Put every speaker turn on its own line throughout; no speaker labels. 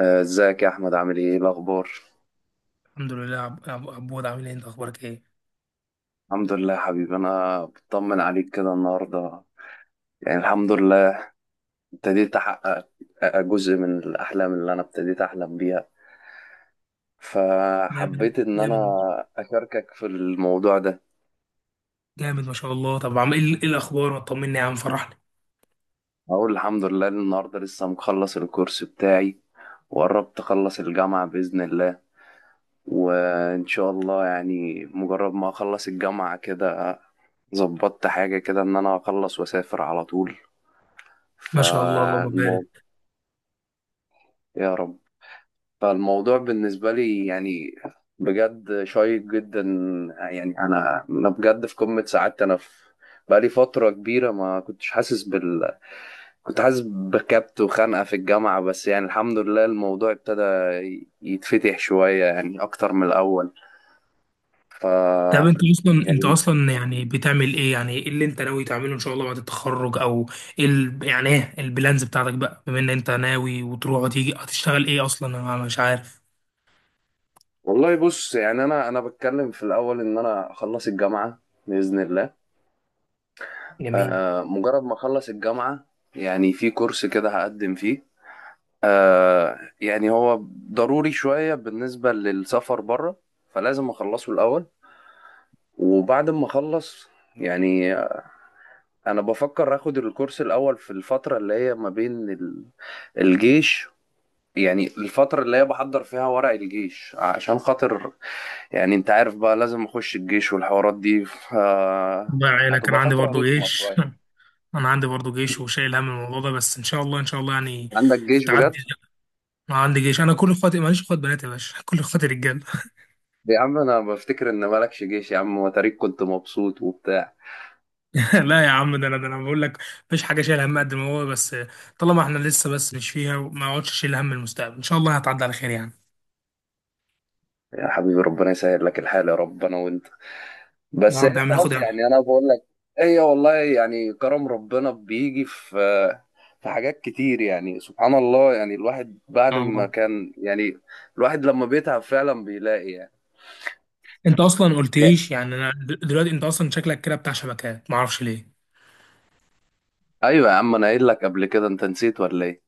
آه، ازيك يا احمد؟ عامل ايه؟ إيه الاخبار؟
الحمد لله. عبود، عامل ايه؟ انت اخبارك ايه؟
الحمد لله يا حبيبي، انا بطمن عليك كده النهارده. يعني الحمد لله، ابتديت احقق جزء من الاحلام اللي انا ابتديت احلم بيها.
جامد،
فحبيت ان انا
جامد
اشاركك في الموضوع ده.
جامد ما شاء الله. طب عامل ايه؟ إيه الاخبار؟ ما طمني يا عم، فرحني.
اقول الحمد لله إن النهارده لسه مخلص الكورس بتاعي، وقربت اخلص الجامعة باذن الله. وان شاء الله، يعني مجرد ما اخلص الجامعة كده ظبطت حاجة كده إن أنا أخلص وأسافر على طول.
ما شاء الله اللهم
فالموضوع
بارك.
يا رب. فالموضوع بالنسبة لي، يعني بجد شيق جدا. يعني أنا بجد في قمة سعادتي. أنا في بقالي فترة كبيرة ما كنتش حاسس كنت حاسس بكبت وخنقة في الجامعة، بس يعني الحمد لله الموضوع ابتدى يتفتح شوية، يعني أكتر من الأول. ف
طب انت اصلا، انت
يعني
اصلا يعني بتعمل ايه؟ يعني ايه اللي انت ناوي تعمله ان شاء الله بعد التخرج؟ او ايه يعني ايه البلانز بتاعتك بقى، بما ان انت ناوي وتروح وتيجي؟ هتشتغل ايه اصلا؟ انا مش عارف.
والله بص، يعني أنا بتكلم في الأول إن أنا أخلص الجامعة بإذن الله.
جميل.
مجرد ما أخلص الجامعة يعني في كورس كده هقدم فيه. يعني هو ضروري شوية بالنسبة للسفر بره، فلازم أخلصه الأول. وبعد ما أخلص يعني أنا بفكر آخد الكورس الأول في الفترة اللي هي ما بين الجيش. يعني الفترة اللي هي بحضر فيها ورق الجيش عشان خاطر، يعني أنت عارف بقى لازم أخش الجيش والحوارات دي.
الله يعينك، انا
هتبقى
عندي
فترة
برضو
رخمة
جيش.
شوية.
انا عندي برضو جيش وشايل هم الموضوع ده، بس ان شاء الله ان شاء الله
عندك جيش بجد؟
تعدي. انا عندي جيش، انا كل اخواتي، ماليش اخوات بنات يا باشا. كل اخواتي رجاله.
عم أنا بفتكر إن مالكش جيش يا عم وتاريخ كنت مبسوط وبتاع.
لا يا عم، ده انا بقول لك مفيش حاجه شايل هم قد ما هو، بس طالما احنا لسه بس مش فيها وما اقعدش اشيل هم المستقبل، ان شاء الله هتعدي على خير يعني.
يا حبيبي ربنا يسهل لك الحال يا رب، انا وانت.
يا
بس
رب
هي
يا عم، ناخد
خلاص،
ان
يعني انا بقول لك هي والله يعني كرم ربنا بيجي في حاجات كتير، يعني سبحان الله. يعني الواحد بعد
شاء
ما
الله.
كان يعني الواحد لما بيتعب فعلا بيلاقي يعني.
انت اصلا
يا-
قلتليش يعني انا دلوقتي، انت اصلا شكلك كده بتاع شبكات، ما اعرفش ليه.
ايوه يا عم، انا قايل لك قبل كده، انت نسيت ولا ايه؟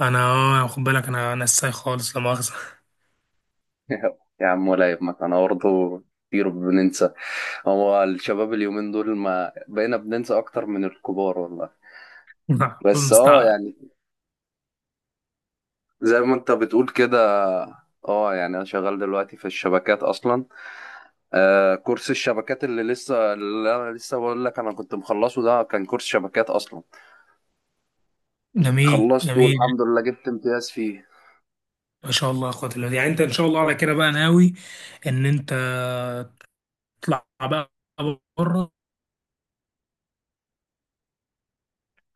انا اه، خد بالك، انا ساي خالص، لا مؤاخذه.
يا عم ولا يهمك، انا برضه كتير بننسى. هو الشباب اليومين دول ما بقينا بننسى اكتر من الكبار والله. بس
المستعقل.
يعني زي ما انت بتقول كده، اه يعني انا شغال دلوقتي في الشبكات اصلا. آه، كورس الشبكات اللي انا لسه بقول لك انا كنت مخلصه، ده كان كورس شبكات اصلا.
جميل
خلصته
جميل
الحمد لله، جبت امتياز فيه.
ما شاء الله يا اخوات الله. يعني انت ان شاء الله على كده بقى ناوي ان انت تطلع بقى بره؟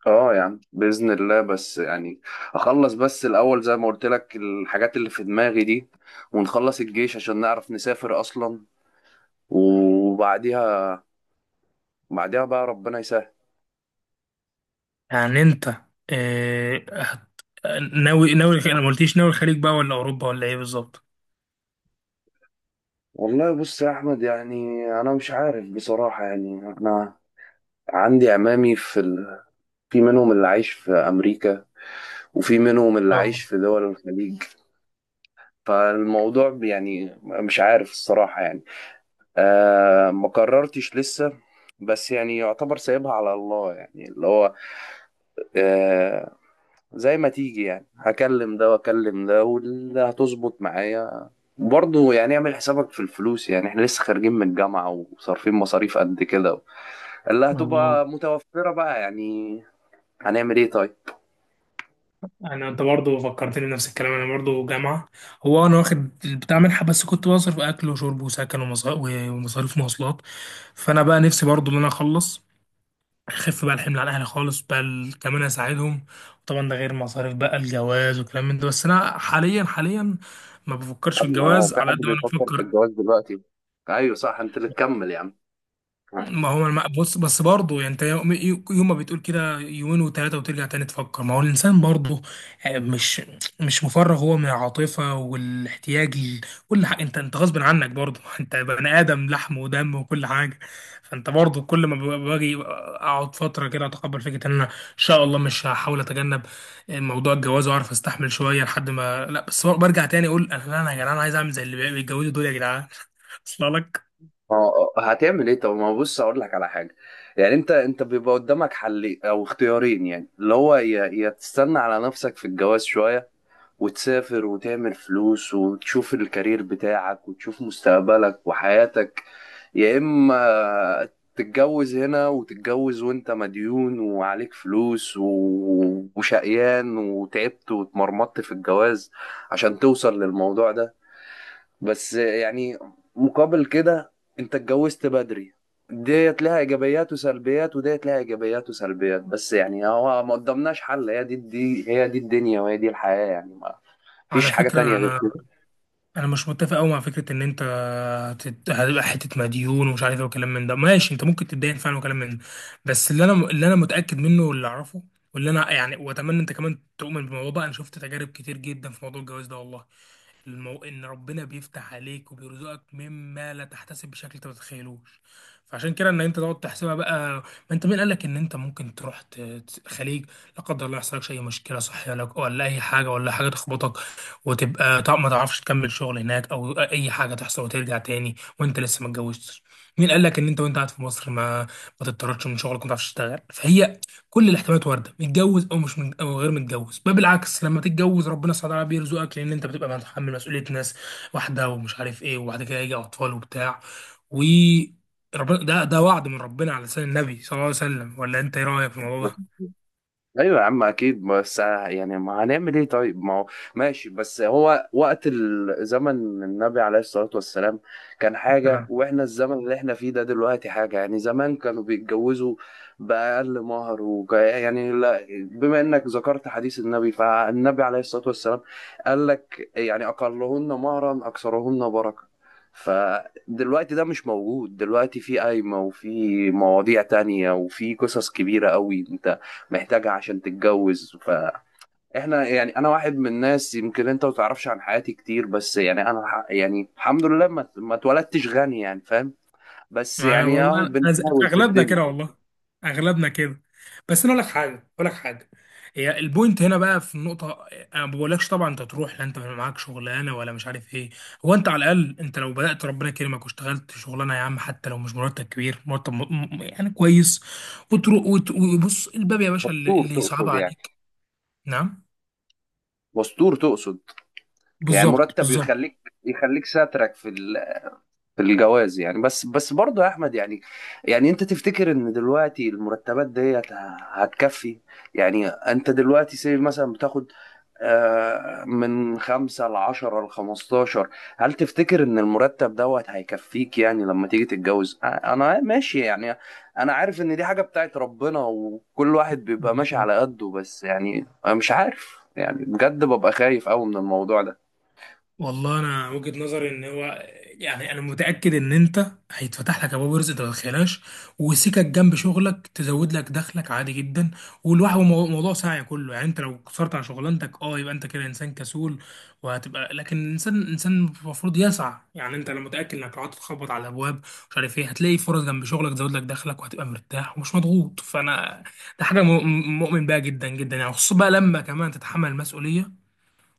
اه يعني باذن الله، بس يعني اخلص بس الاول زي ما قلت لك الحاجات اللي في دماغي دي، ونخلص الجيش عشان نعرف نسافر اصلا. وبعديها، بقى ربنا يسهل.
يعني انت آه، هت- ناوي، انا ما قلتيش، ناوي الخليج بقى ولا اوروبا ولا ايه بالظبط؟
والله بص يا احمد، يعني انا مش عارف بصراحة يعني انا. عندي عمامي في منهم اللي عايش في أمريكا، وفي منهم اللي عايش
والله.
في دول الخليج. فالموضوع يعني مش عارف الصراحة يعني. ما قررتش لسه. بس يعني يعتبر سايبها على الله، يعني اللي هو آه زي ما تيجي يعني، هكلم ده واكلم ده واللي هتظبط معايا. برضه يعني اعمل حسابك في الفلوس، يعني احنا لسه خارجين من الجامعة وصارفين مصاريف قد كده اللي
والله
هتبقى متوفرة بقى يعني. هنعمل ايه طيب؟
انا، انت برضه فكرتني بنفس الكلام، انا برضه جامعه. هو انا واخد بتاع منحه، بس كنت بصرف اكل وشرب وسكن ومصاريف مواصلات. فانا بقى نفسي برضه ان انا اخلص، اخف بقى الحمل على اهلي خالص بقى كمان اساعدهم. طبعا ده غير مصاريف بقى الجواز وكلام من ده، بس انا حاليا، حاليا ما
يا
بفكرش في
عم هو
الجواز
في
على
حد
قد ما انا
بيفكر في
بفكر.
الجواز دلوقتي؟ ايوه صح، انت اللي تكمل يا عم. اه،
ما هو بص، بس برضه يعني انت، يوم ما بتقول كده يومين وثلاثه، وترجع تاني تفكر. ما هو الانسان برضه، مش مش مفرغ هو من العاطفه والاحتياج كل حاجه، انت غصب عنك برضه. انت بني ادم لحم ودم وكل حاجه. فانت برضه كل ما باجي اقعد فتره كده اتقبل فكره ان انا ان شاء الله مش هحاول اتجنب موضوع الجواز واعرف استحمل شويه، لحد ما لا، بس برجع تاني اقول انا لا، انا يا جدعان عايز اعمل زي اللي بيتجوزوا دول يا جدعان. اصل لك
اه. هتعمل ايه؟ طب ما بص اقول لك على حاجه. يعني انت بيبقى قدامك حل او اختيارين، يعني اللي هو يا تستنى على نفسك في الجواز شويه وتسافر وتعمل فلوس وتشوف الكارير بتاعك وتشوف مستقبلك وحياتك، يا اما تتجوز هنا، وتتجوز وانت مديون وعليك فلوس وشقيان وتعبت واتمرمطت في الجواز عشان توصل للموضوع ده. بس يعني مقابل كده انت اتجوزت بدري. ديت لها ايجابيات وسلبيات وديت لها ايجابيات وسلبيات، بس يعني هو ما قدامناش حل، دي هي دي الدنيا، وهي دي الحياة، يعني ما فيش
على
حاجة
فكرة.
تانية غير
أنا،
كده.
انا مش متفق قوي مع فكره ان انت هتبقى حته مديون ومش عارف ايه وكلام من ده. ماشي، انت ممكن تتدين فعلا وكلام من ده، بس اللي انا متاكد منه واللي اعرفه واللي انا واتمنى انت كمان تؤمن بالموضوع ده، انا شفت تجارب كتير جدا في موضوع الجواز ده، والله ان ربنا بيفتح عليك وبيرزقك مما لا تحتسب، بشكل انت ما تتخيلوش. فعشان كده ان انت تقعد تحسبها بقى، ما انت مين قال لك ان انت ممكن تروح خليج؟ لا قدر الله يحصل لك اي مشكله صحيه لك، ولا اي حاجه، ولا حاجه تخبطك وتبقى ما تعرفش تكمل شغل هناك، او اي حاجه تحصل وترجع تاني وانت لسه ما اتجوزتش. مين قال لك ان انت وانت قاعد في مصر ما تضطرش من شغلك وما تعرفش تشتغل؟ فهي كل الاحتمالات وارده، متجوز او مش من او غير متجوز. بل بالعكس، لما تتجوز ربنا سبحانه وتعالى بيرزقك، لان انت بتبقى متحمل مسؤوليه ناس واحده ومش عارف ايه، وبعد كده يجي اطفال وبتاع و ربنا. ده وعد من ربنا على لسان النبي صلى الله عليه وسلم، ولا انت ايه رايك في الموضوع
ايوه يا عم اكيد، بس يعني ما هنعمل ايه طيب، ما هو ماشي. بس هو وقت زمن النبي عليه الصلاه والسلام كان حاجه،
ده؟
واحنا الزمن اللي احنا فيه ده دلوقتي حاجه. يعني زمان كانوا بيتجوزوا باقل مهر يعني لا، بما انك ذكرت حديث النبي، فالنبي عليه الصلاه والسلام قال لك يعني اقلهن مهرا اكثرهن بركه. فدلوقتي ده مش موجود، دلوقتي في قايمة وفي مواضيع تانية وفي قصص كبيرة قوي محتاجها عشان تتجوز. فاحنا يعني انا واحد من الناس يمكن انت ما تعرفش عن حياتي كتير. بس يعني انا يعني الحمد لله ما اتولدتش غني، يعني فاهم. بس
ما انا
يعني
والله
اهو
أنا
بنحاول في
اغلبنا كده
الدنيا.
والله، اغلبنا كده. بس انا اقول لك حاجه، اقول لك حاجه، هي البوينت هنا بقى في النقطه. انا ما بقولكش طبعا انت تروح، لا انت معاك شغلانه ولا مش عارف ايه. هو انت على الاقل، انت لو بدات ربنا يكرمك واشتغلت شغلانه يا عم، حتى لو مش مرتب كبير، مرتب يعني كويس، وتروح وبص الباب يا باشا، اللي
مستور
اللي صعب
تقصد يعني؟
عليك. نعم.
مستور تقصد؟ يعني
بالظبط.
مرتب يخليك ساترك في الجواز يعني. بس بس برضه يا احمد، يعني انت تفتكر ان دلوقتي المرتبات ديت هتكفي؟ يعني انت دلوقتي سيب مثلا بتاخد من خمسة ل10 ل15. هل تفتكر ان المرتب دوت هيكفيك يعني لما تيجي تتجوز؟ انا ماشي يعني، انا عارف ان دي حاجة بتاعت ربنا وكل واحد بيبقى ماشي على
بالظبط.
قده، بس يعني أنا مش عارف، يعني بجد ببقى خايف قوي من الموضوع.
والله انا وجهة نظري ان هو، يعني انا متاكد ان انت هيتفتح لك ابواب رزق انت ما تتخيلهاش، وسكك جنب شغلك تزود لك دخلك عادي جدا. والواحد موضوع سعي كله. يعني انت لو قصرت عن شغلانتك اه، يبقى انت كده انسان كسول وهتبقى، لكن الانسان انسان المفروض يسعى. يعني انت لو متاكد انك لو قعدت تخبط على الابواب مش عارف ايه، هتلاقي فرص جنب شغلك تزود لك دخلك، وهتبقى مرتاح ومش مضغوط. فانا ده حاجه مؤمن بيها جدا جدا، يعني خصوصا بقى لما كمان تتحمل المسؤوليه،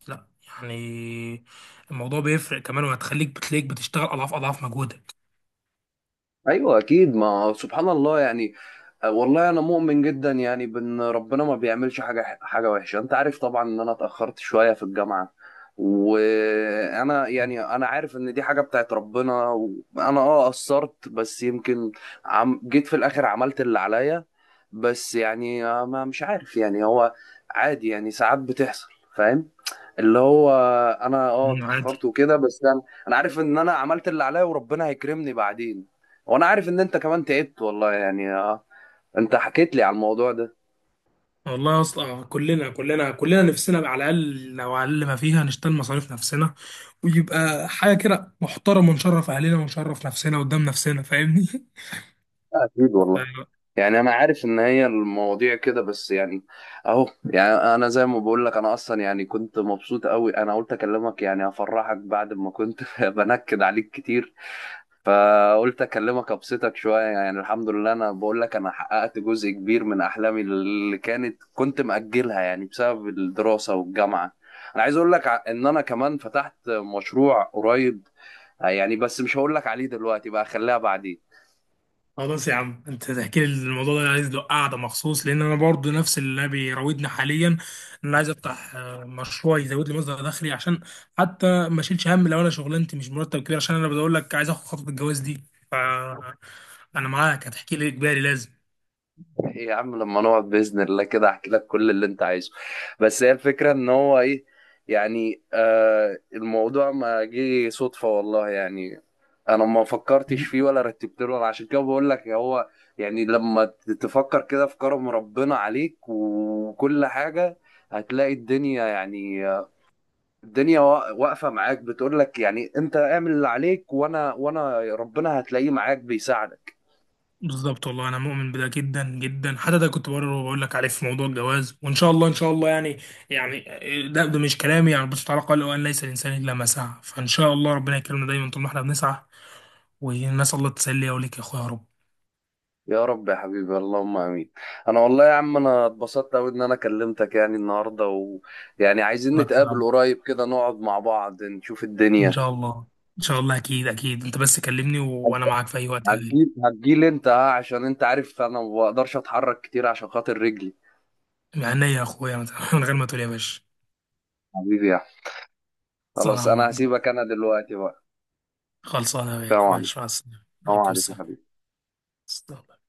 لا يعني الموضوع بيفرق كمان، وهتخليك بتلاقيك بتشتغل اضعاف، اضعاف مجهودك.
ايوه اكيد، ما سبحان الله يعني. آه، والله انا مؤمن جدا يعني بان ربنا ما بيعملش حاجه حاجه وحشه. انت عارف طبعا ان انا اتاخرت شويه في الجامعه، وانا يعني انا عارف ان دي حاجه بتاعت ربنا وانا قصرت، بس يمكن عم جيت في الاخر عملت اللي عليا. بس يعني ما مش عارف يعني، هو عادي يعني ساعات بتحصل، فاهم، اللي هو انا اتاخرت
عادي.
وكده، بس انا عارف ان انا عملت اللي عليا وربنا هيكرمني بعدين. وانا عارف ان انت كمان تعبت والله يعني. انت حكيت لي على الموضوع ده.
والله اصلا، كلنا نفسنا على الاقل، لو على الاقل ما فيها نشتغل مصاريف نفسنا، ويبقى حاجه كده محترمه ونشرف اهلنا ونشرف نفسنا قدام نفسنا، فاهمني؟
آه، اكيد والله. يعني انا عارف ان هي المواضيع كده، بس يعني اهو. يعني انا زي ما بقول لك، انا اصلا يعني كنت مبسوط قوي، انا قلت اكلمك يعني افرحك بعد ما كنت بنكد عليك كتير. فقلت اكلمك ابسطك شويه يعني. الحمد لله، انا بقول لك انا حققت جزء كبير من احلامي اللي كنت مأجلها يعني بسبب الدراسه والجامعه. انا عايز اقول لك ان انا كمان فتحت مشروع قريب. يعني بس مش هقول لك عليه دلوقتي بقى، خليها بعدين.
خلاص يا عم، انت تحكي لي الموضوع ده، انا عايز له قعده مخصوص، لان انا برضو نفس اللي بيراودني حاليا ان انا عايز افتح مشروع يزود لي مصدر دخلي، عشان حتى ما اشيلش هم لو انا شغلانتي مش مرتب كبير، عشان انا بقول لك عايز اخد خطوه الجواز دي. ف انا معاك، هتحكي لي اجباري لازم.
ايه يا عم، لما نقعد باذن الله كده احكي لك كل اللي انت عايزه. بس هي الفكره ان هو ايه؟ يعني آه، الموضوع ما جه صدفه والله يعني. انا ما فكرتش فيه ولا رتبت له أنا، عشان كده بقول لك. هو يعني لما تفكر كده في كرم ربنا عليك وكل حاجه، هتلاقي الدنيا يعني الدنيا واقفه معاك، بتقول لك يعني انت اعمل اللي عليك، وانا وانا ربنا هتلاقيه معاك بيساعدك.
بالظبط. والله انا مؤمن بده جدا جدا، حتى ده كنت بقرر وبقول لك عليه في موضوع الجواز، وان شاء الله ان شاء الله يعني، يعني ده مش كلامي يعني، بس تعالى قال وان ليس الانسان الا ما سعى، فان شاء الله ربنا يكرمنا دايما طول ما احنا بنسعى. والناس الله تسلي وليك يا اخويا يا رب.
يا رب يا حبيبي، اللهم امين. انا والله يا عم، انا اتبسطت قوي ان انا كلمتك يعني النهارده. ويعني عايزين
انا
نتقابل
أتعب.
قريب كده نقعد مع بعض نشوف
ان
الدنيا.
شاء الله. ان شاء الله، اكيد اكيد. انت بس كلمني وانا معاك في اي وقت يا غالي.
هتجيل هتجيل انت، ها؟ عشان انت عارف انا ما بقدرش اتحرك كتير عشان خاطر رجلي.
من عينيا يا اخويا، من من غير ما تقول يا باشا.
حبيبي يا أحمد.
صلاة
خلاص،
على
انا
محبوب.
هسيبك انا دلوقتي بقى.
خلصانه يا
سلام
غالي،
عليكم.
ماشي، مع السلامه
سلام
عليكم.
عليكم حبيبي.
السلام.